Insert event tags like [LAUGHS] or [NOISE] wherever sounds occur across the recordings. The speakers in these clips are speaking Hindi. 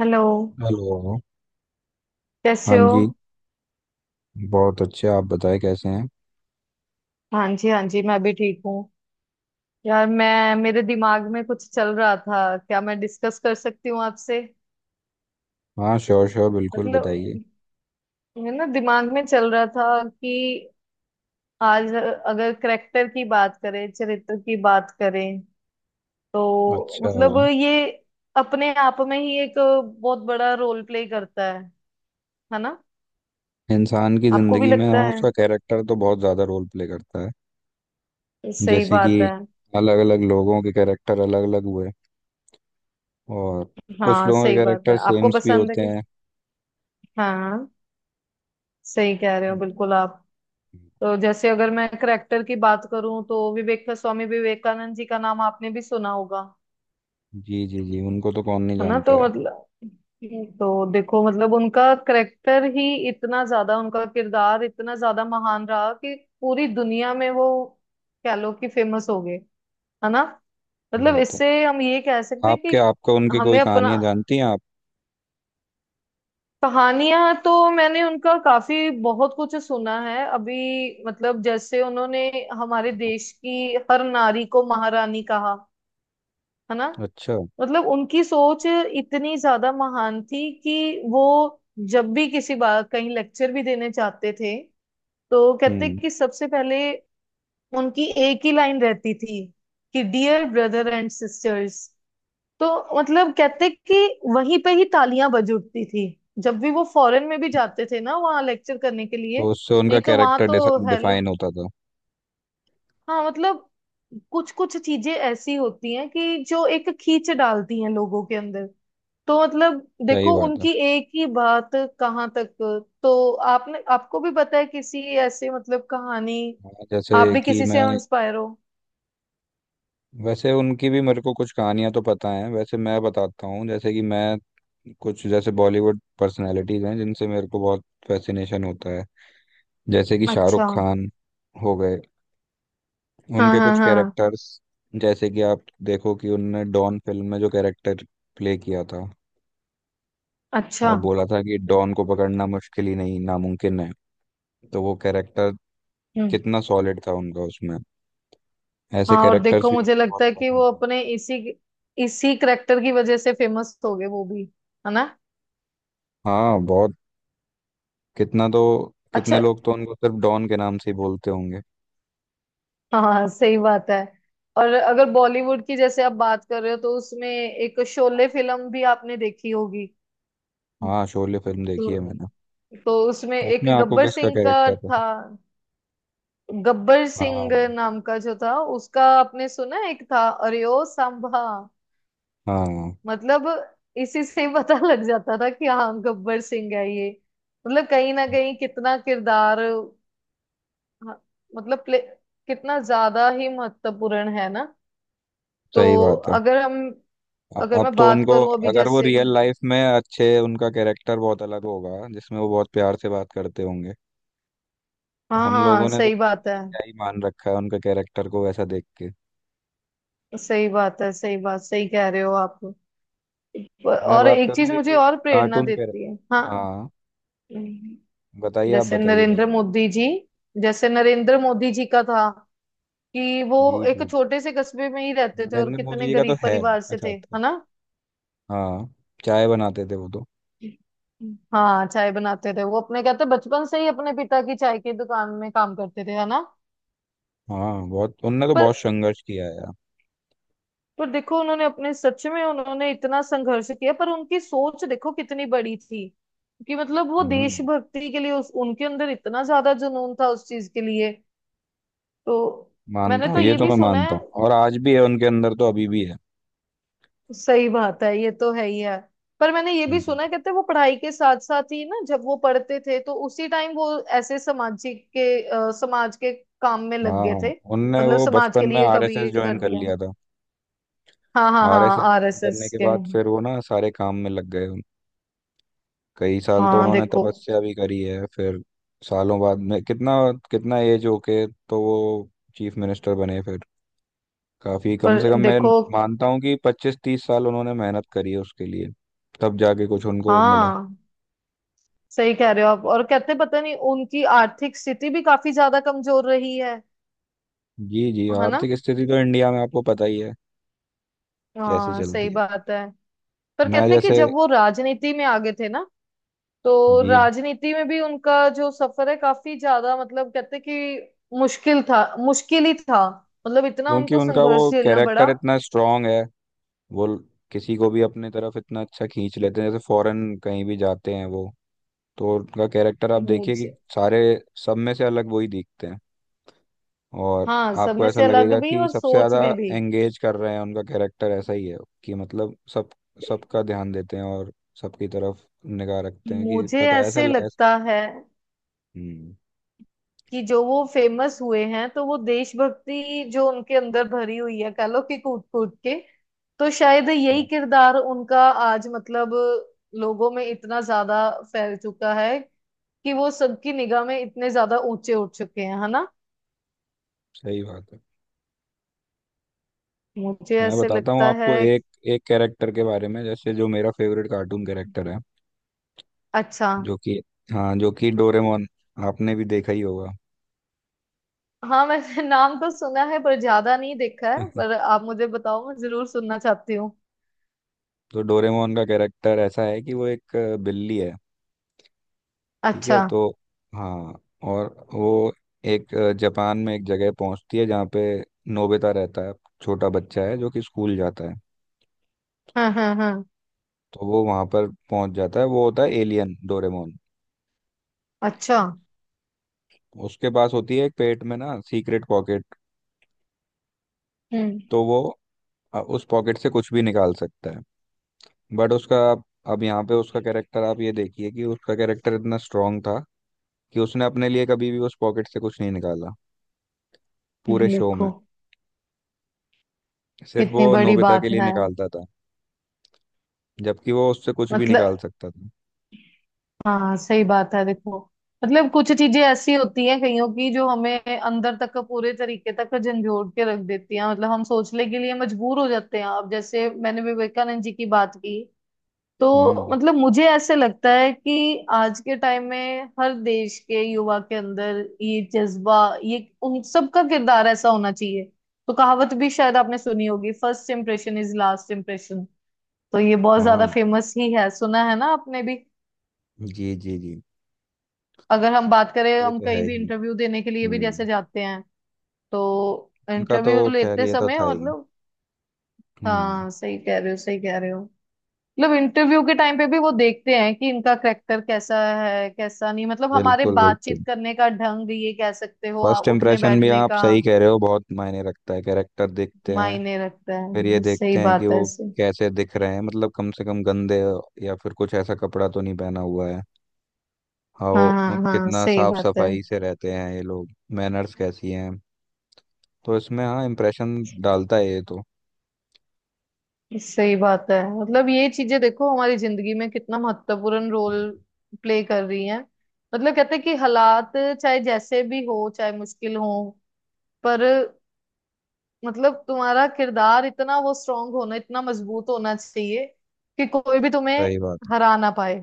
हेलो। हेलो। कैसे हाँ हो? जी। बहुत अच्छे, आप बताएं कैसे हैं। हाँ जी, हाँ जी, मैं भी ठीक हूँ। यार, मैं मेरे दिमाग में कुछ चल रहा था, क्या मैं डिस्कस कर सकती हूँ आपसे? हाँ, श्योर श्योर, बिल्कुल मतलब, बताइए। है ना, दिमाग में चल रहा था कि आज अगर करेक्टर की बात करें, चरित्र की बात करें, तो अच्छा। मतलब ये अपने आप में ही एक बहुत बड़ा रोल प्ले करता है ना? इंसान की आपको भी ज़िंदगी में, लगता हाँ, है? उसका कैरेक्टर तो बहुत ज़्यादा रोल प्ले करता है। सही जैसे बात कि है। अलग अलग लोगों के कैरेक्टर अलग अलग हुए, और कुछ हाँ, लोगों के सही बात है। कैरेक्टर आपको सेम्स भी पसंद है होते कि हैं। हाँ, सही कह रहे हो बिल्कुल आप। तो जैसे अगर मैं करेक्टर की बात करूं तो विवेक स्वामी विवेकानंद जी का नाम आपने भी सुना होगा, जी जी जी, उनको तो कौन नहीं है ना? जानता तो है। मतलब, तो देखो, मतलब उनका करेक्टर ही इतना ज्यादा, उनका किरदार इतना ज्यादा महान रहा कि पूरी दुनिया में वो, कह लो कि, फेमस हो गए, है ना? ये मतलब बात है। इससे हम ये कह सकते हैं आपके कि आपको उनकी कोई हमें अपना, कहानियाँ जानती हैं आप? कहानियां तो मैंने उनका काफी बहुत कुछ सुना है अभी, मतलब जैसे उन्होंने हमारे देश की हर नारी को महारानी कहा, है ना? अच्छा। मतलब उनकी सोच इतनी ज्यादा महान थी कि वो जब भी किसी बात कहीं लेक्चर भी देने चाहते थे, तो कहते हम्म। कि सबसे पहले, उनकी एक ही लाइन रहती थी कि डियर ब्रदर एंड सिस्टर्स। तो मतलब कहते कि वहीं पे ही तालियां बज उठती थी, जब भी वो फॉरेन में भी जाते थे ना वहाँ लेक्चर करने के लिए। तो उससे उनका नहीं, तो वहां कैरेक्टर तो, हेलो। डिफाइन होता था। हाँ, मतलब कुछ कुछ चीजें ऐसी होती हैं कि जो एक खींच डालती हैं लोगों के अंदर। तो मतलब, सही देखो, बात है। उनकी एक ही बात कहाँ तक, तो आपने, आपको भी पता है किसी ऐसे, मतलब कहानी, हाँ, जैसे आप भी कि किसी से मैं इंस्पायर हो? वैसे उनकी भी मेरे को कुछ कहानियां तो पता हैं। वैसे मैं बताता हूँ, जैसे कि मैं कुछ जैसे बॉलीवुड पर्सनालिटीज हैं जिनसे मेरे को बहुत फैसिनेशन होता है, जैसे कि शाहरुख अच्छा। खान हो गए। हाँ उनके हाँ कुछ हाँ। कैरेक्टर्स, जैसे कि आप देखो कि उनने डॉन फिल्म में जो कैरेक्टर प्ले किया था अच्छा। और बोला था कि डॉन को पकड़ना मुश्किल ही नहीं नामुमकिन है, तो वो कैरेक्टर हम्म। कितना सॉलिड था उनका उसमें। ऐसे हाँ, और कैरेक्टर्स देखो, भी मेरे मुझे को बहुत लगता है कि वो पसंद है। अपने इसी इसी करेक्टर की वजह से फेमस हो गए वो भी, है ना? हाँ, बहुत। कितना तो कितने अच्छा। लोग तो उनको सिर्फ डॉन के नाम से ही बोलते होंगे। हाँ, सही बात है। और अगर बॉलीवुड की जैसे आप बात कर रहे हो, तो उसमें एक शोले फिल्म भी आपने देखी होगी। हाँ, शोले फिल्म देखी तो है मैंने। तो उसमें एक उसमें आपको गब्बर किसका सिंह का कैरेक्टर था? था। गब्बर सिंह हाँ नाम का जो था, उसका आपने सुना है? एक था, अरे ओ सांभा। हाँ, मतलब इसी से ही पता लग जाता था कि हाँ गब्बर सिंह है ये। मतलब कहीं ना कहीं कितना किरदार, हाँ, मतलब प्ले, कितना ज्यादा ही महत्वपूर्ण, है ना? तो सही बात है। अगर हम अ- अगर अब मैं तो बात उनको करूं, अभी अगर वो जैसे, रियल लाइफ में अच्छे, उनका कैरेक्टर बहुत अलग होगा जिसमें वो बहुत प्यार से बात करते होंगे। तो हाँ हम हाँ, लोगों ने तो सही बात है, मैंने क्या ही मान रखा है उनके कैरेक्टर को वैसा देख के। सही बात है, सही बात, सही कह रहे हो आप। मैं और बात एक चीज करूँ एक मुझे एक और प्रेरणा कार्टून देती है, कैरेक्टर, हाँ, हाँ? बताइए, आप जैसे बताइए नरेंद्र पहले। मोदी जी जैसे नरेंद्र मोदी जी का था कि वो जी एक जी। छोटे से कस्बे में ही रहते थे मैंने और इनमें कितने मुझे का तो गरीब है। परिवार से अच्छा थे, अच्छा। है ना? हाँ, चाय बनाते थे वो तो। हाँ, चाय बनाते थे वो, अपने कहते बचपन से ही अपने पिता की चाय की दुकान में काम करते थे, है ना? हाँ, बहुत, उनने तो पर बहुत संघर्ष किया है यार। पर देखो, उन्होंने अपने, सच में उन्होंने इतना संघर्ष किया, पर उनकी सोच देखो कितनी बड़ी थी कि मतलब वो हम्म। देशभक्ति के लिए, उस उनके अंदर इतना ज्यादा जुनून था उस चीज के लिए। तो मैंने मानता हूँ तो ये ये तो भी मैं सुना मानता है, हूँ, और आज भी है उनके अंदर तो अभी भी है। सही बात है, ये तो है ही है, पर मैंने ये भी हम्म। सुना है, कहते हैं वो पढ़ाई के साथ साथ ही ना, जब वो पढ़ते थे तो उसी टाइम वो ऐसे सामाजिक के, समाज के काम में हाँ लग गए हाँ, थे। उनने मतलब वो समाज बचपन के में लिए कभी आरएसएस ये ज्वाइन कर कर दिया, लिया था। हाँ हाँ आरएसएस हाँ, ज्वाइन आरएसएस करने के के। बाद फिर वो ना सारे काम में लग गए। कई साल तो हाँ उन्होंने देखो, तपस्या भी करी है फिर। सालों बाद में, कितना कितना एज होके तो वो चीफ मिनिस्टर बने फिर। काफी कम से पर कम मैं देखो, मानता हूँ कि 25-30 साल उन्होंने मेहनत करी है उसके लिए, तब जाके कुछ उनको मिला। हाँ सही कह रहे हो आप। और कहते हैं, पता नहीं, उनकी आर्थिक स्थिति भी काफी ज्यादा कमजोर रही है जी जी, है ना? आर्थिक स्थिति तो इंडिया में आपको पता ही है कैसी हाँ, सही चलती है। बात है। पर मैं कहते हैं कि जैसे जब वो राजनीति में आगे थे ना, तो जी। राजनीति में भी उनका जो सफर है काफी ज्यादा, मतलब कहते हैं कि मुश्किल था, मुश्किल ही था, मतलब इतना क्योंकि उनको उनका संघर्ष वो झेलना पड़ा। कैरेक्टर इतना स्ट्रांग है, वो किसी को भी अपने तरफ इतना अच्छा खींच लेते हैं, जैसे फॉरेन कहीं भी जाते हैं वो। तो उनका कैरेक्टर आप देखिए कि मुझे, सारे सब में से अलग वही दिखते हैं। और हाँ, सब आपको में ऐसा से अलग लगेगा भी कि और सबसे सोच ज़्यादा में भी। एंगेज कर रहे हैं, उनका कैरेक्टर ऐसा ही है कि मतलब सब सबका ध्यान देते हैं और सबकी तरफ निगाह रखते हैं, कि मुझे पता ऐसा ऐसे लगता है हम्म। कि जो वो फेमस हुए हैं, तो वो देशभक्ति जो उनके अंदर भरी हुई है कह लो कि कूट कूट के, तो शायद यही हाँ, किरदार उनका आज मतलब लोगों में इतना ज्यादा फैल चुका है कि वो सबकी निगाह में इतने ज्यादा ऊंचे उठ चुके हैं, है ना? सही बात है। मुझे मैं ऐसे बताता हूँ लगता है। आपको एक एक कैरेक्टर के बारे में, जैसे जो मेरा फेवरेट कार्टून कैरेक्टर है, अच्छा। जो कि हाँ, जो कि डोरेमोन। आपने भी देखा ही होगा। हाँ, मैंने नाम तो सुना है पर ज्यादा नहीं देखा है, पर [LAUGHS] आप मुझे बताओ, मैं जरूर सुनना चाहती हूँ। तो डोरेमोन का कैरेक्टर ऐसा है कि वो एक बिल्ली है। ठीक अच्छा। है तो, हाँ, और वो एक जापान में एक जगह पहुंचती है जहाँ पे नोबिता रहता है। छोटा बच्चा है जो कि स्कूल जाता है। हाँ हाँ हाँ। तो वो वहां पर पहुंच जाता है, वो होता है एलियन डोरेमोन। अच्छा। उसके पास होती है एक पेट में ना सीक्रेट पॉकेट। हम्म। तो वो उस पॉकेट से कुछ भी निकाल सकता है। बट उसका अब यहाँ पे उसका कैरेक्टर आप ये देखिए कि उसका कैरेक्टर इतना स्ट्रांग था कि उसने अपने लिए कभी भी उस पॉकेट से कुछ नहीं निकाला, पूरे शो देखो, में। सिर्फ वो कितनी बड़ी नोबिता के बात लिए है। निकालता था, जबकि वो उससे कुछ भी निकाल मतलब, सकता था। हाँ सही बात है, देखो, मतलब कुछ चीजें ऐसी होती हैं कईयों की, जो हमें अंदर तक पूरे तरीके तक झंझोड़ के रख देती हैं। मतलब हम सोचने के लिए मजबूर हो जाते हैं। अब जैसे मैंने विवेकानंद जी की बात की, तो हम्म। मतलब मुझे ऐसे लगता है कि आज के टाइम में हर देश के युवा के अंदर ये जज्बा, ये उन सबका किरदार ऐसा होना चाहिए। तो कहावत भी शायद आपने सुनी होगी, first impression is last impression. तो ये बहुत ज्यादा हाँ, फेमस ही है, सुना है ना आपने भी? जी जी जी। अगर हम बात करें, ये हम तो कहीं है भी ही। इंटरव्यू देने के लिए भी हम्म। जैसे जाते हैं तो उनका तो, इंटरव्यू खैर, लेते ये तो समय, था ही। मतलब, हम्म। हाँ सही कह रहे हो, सही कह रहे हो। मतलब इंटरव्यू के टाइम पे भी वो देखते हैं कि इनका करेक्टर कैसा है, कैसा नहीं, मतलब हमारे बिल्कुल बातचीत बिल्कुल, करने का ढंग, ये कह सकते हो, फर्स्ट उठने इम्प्रेशन भी बैठने आप का सही कह रहे हो, बहुत मायने रखता है, कैरेक्टर देखते हैं। मायने रखता फिर ये है, सही देखते हैं कि बात है, वो सही, कैसे दिख रहे हैं, मतलब कम से कम गंदे या फिर कुछ ऐसा कपड़ा तो नहीं पहना हुआ है। हाँ, हाँ वो हाँ हाँ, कितना सही साफ बात है, सफाई से रहते हैं ये लोग, मैनर्स कैसी हैं, तो इसमें हाँ इम्प्रेशन डालता है ये तो। सही बात है। मतलब ये चीजें देखो हमारी जिंदगी में कितना महत्वपूर्ण रोल प्ले कर रही हैं। मतलब कहते हैं कि हालात चाहे जैसे भी हो, चाहे मुश्किल हो, पर मतलब तुम्हारा किरदार इतना वो स्ट्रांग होना, इतना मजबूत होना चाहिए कि कोई भी तुम्हें सही बात। हरा ना पाए,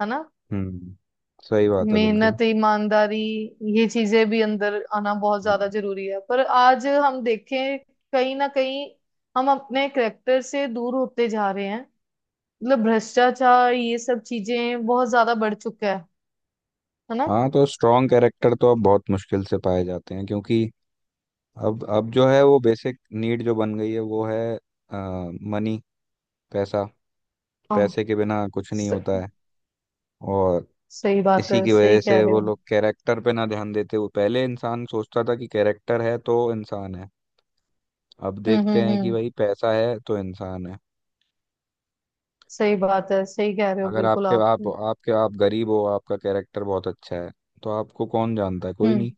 है ना? हम्म। सही बात है बिल्कुल। मेहनत, ईमानदारी, ये चीजें भी अंदर आना बहुत ज्यादा हम्म। जरूरी है। पर आज हम देखें, कहीं ना कहीं हम अपने करेक्टर से दूर होते जा रहे हैं। मतलब भ्रष्टाचार, ये सब चीजें बहुत ज्यादा बढ़ चुका है ना? हाँ तो स्ट्रॉन्ग कैरेक्टर तो अब बहुत मुश्किल से पाए जाते हैं, क्योंकि अब जो है वो बेसिक नीड जो बन गई है वो है, मनी, पैसा। हाँ, पैसे के बिना कुछ नहीं स, होता है। और सही बात इसी है, की सही वजह कह से रहे वो हो। लोग कैरेक्टर पे ना ध्यान देते हुए, पहले इंसान सोचता था कि कैरेक्टर है तो इंसान है, अब देखते हैं कि हम्म। भाई पैसा है तो इंसान है। सही बात है, सही कह रहे हो अगर बिल्कुल आपके आप। आप आपके आप गरीब हो, आपका कैरेक्टर बहुत अच्छा है, तो आपको कौन जानता है, कोई हम्म। नहीं।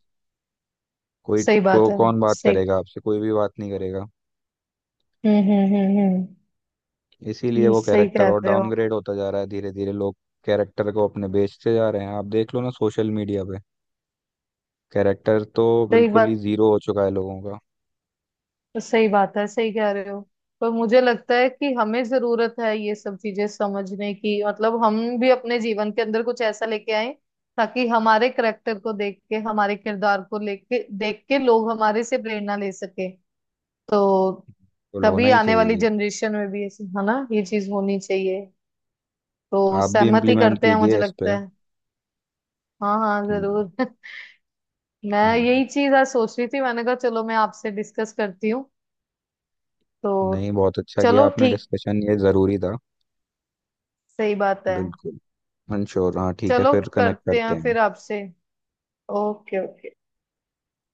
कोई सही बात को है, कौन बात सही। करेगा आपसे, कोई भी बात नहीं करेगा। हम्म। इसीलिए वो सही कैरेक्टर कह और रहे हो। डाउनग्रेड होता जा रहा है, धीरे धीरे लोग कैरेक्टर को अपने बेचते जा रहे हैं। आप देख लो ना सोशल मीडिया पे, कैरेक्टर तो सही बिल्कुल ही बात, जीरो हो चुका है लोगों का। तो सही बात है, सही कह रहे हो। पर मुझे लगता है कि हमें जरूरत है ये सब चीजें समझने की। मतलब हम भी अपने जीवन के अंदर कुछ ऐसा लेके आए, ताकि हमारे करेक्टर को देख के, हमारे किरदार को लेके देख के, लोग हमारे से प्रेरणा ले सके। तो बिल्कुल, होना तभी ही आने वाली चाहिए। जनरेशन में भी ऐसे, है ना, ये चीज होनी चाहिए। तो आप भी सहमति इम्प्लीमेंट करते हैं, मुझे कीजिए इस पे। लगता है। हाँ हाँ हम्म, जरूर। [LAUGHS] मैं हम्म। यही चीज आज सोच रही थी, मैंने कहा चलो मैं आपसे डिस्कस करती हूँ। तो नहीं, बहुत अच्छा किया चलो आपने, ठीक, डिस्कशन ये ज़रूरी था। सही बात है। बिल्कुल। मंशोर, हाँ ठीक है, चलो फिर कनेक्ट करते हैं करते हैं। फिर आपसे। Okay okay.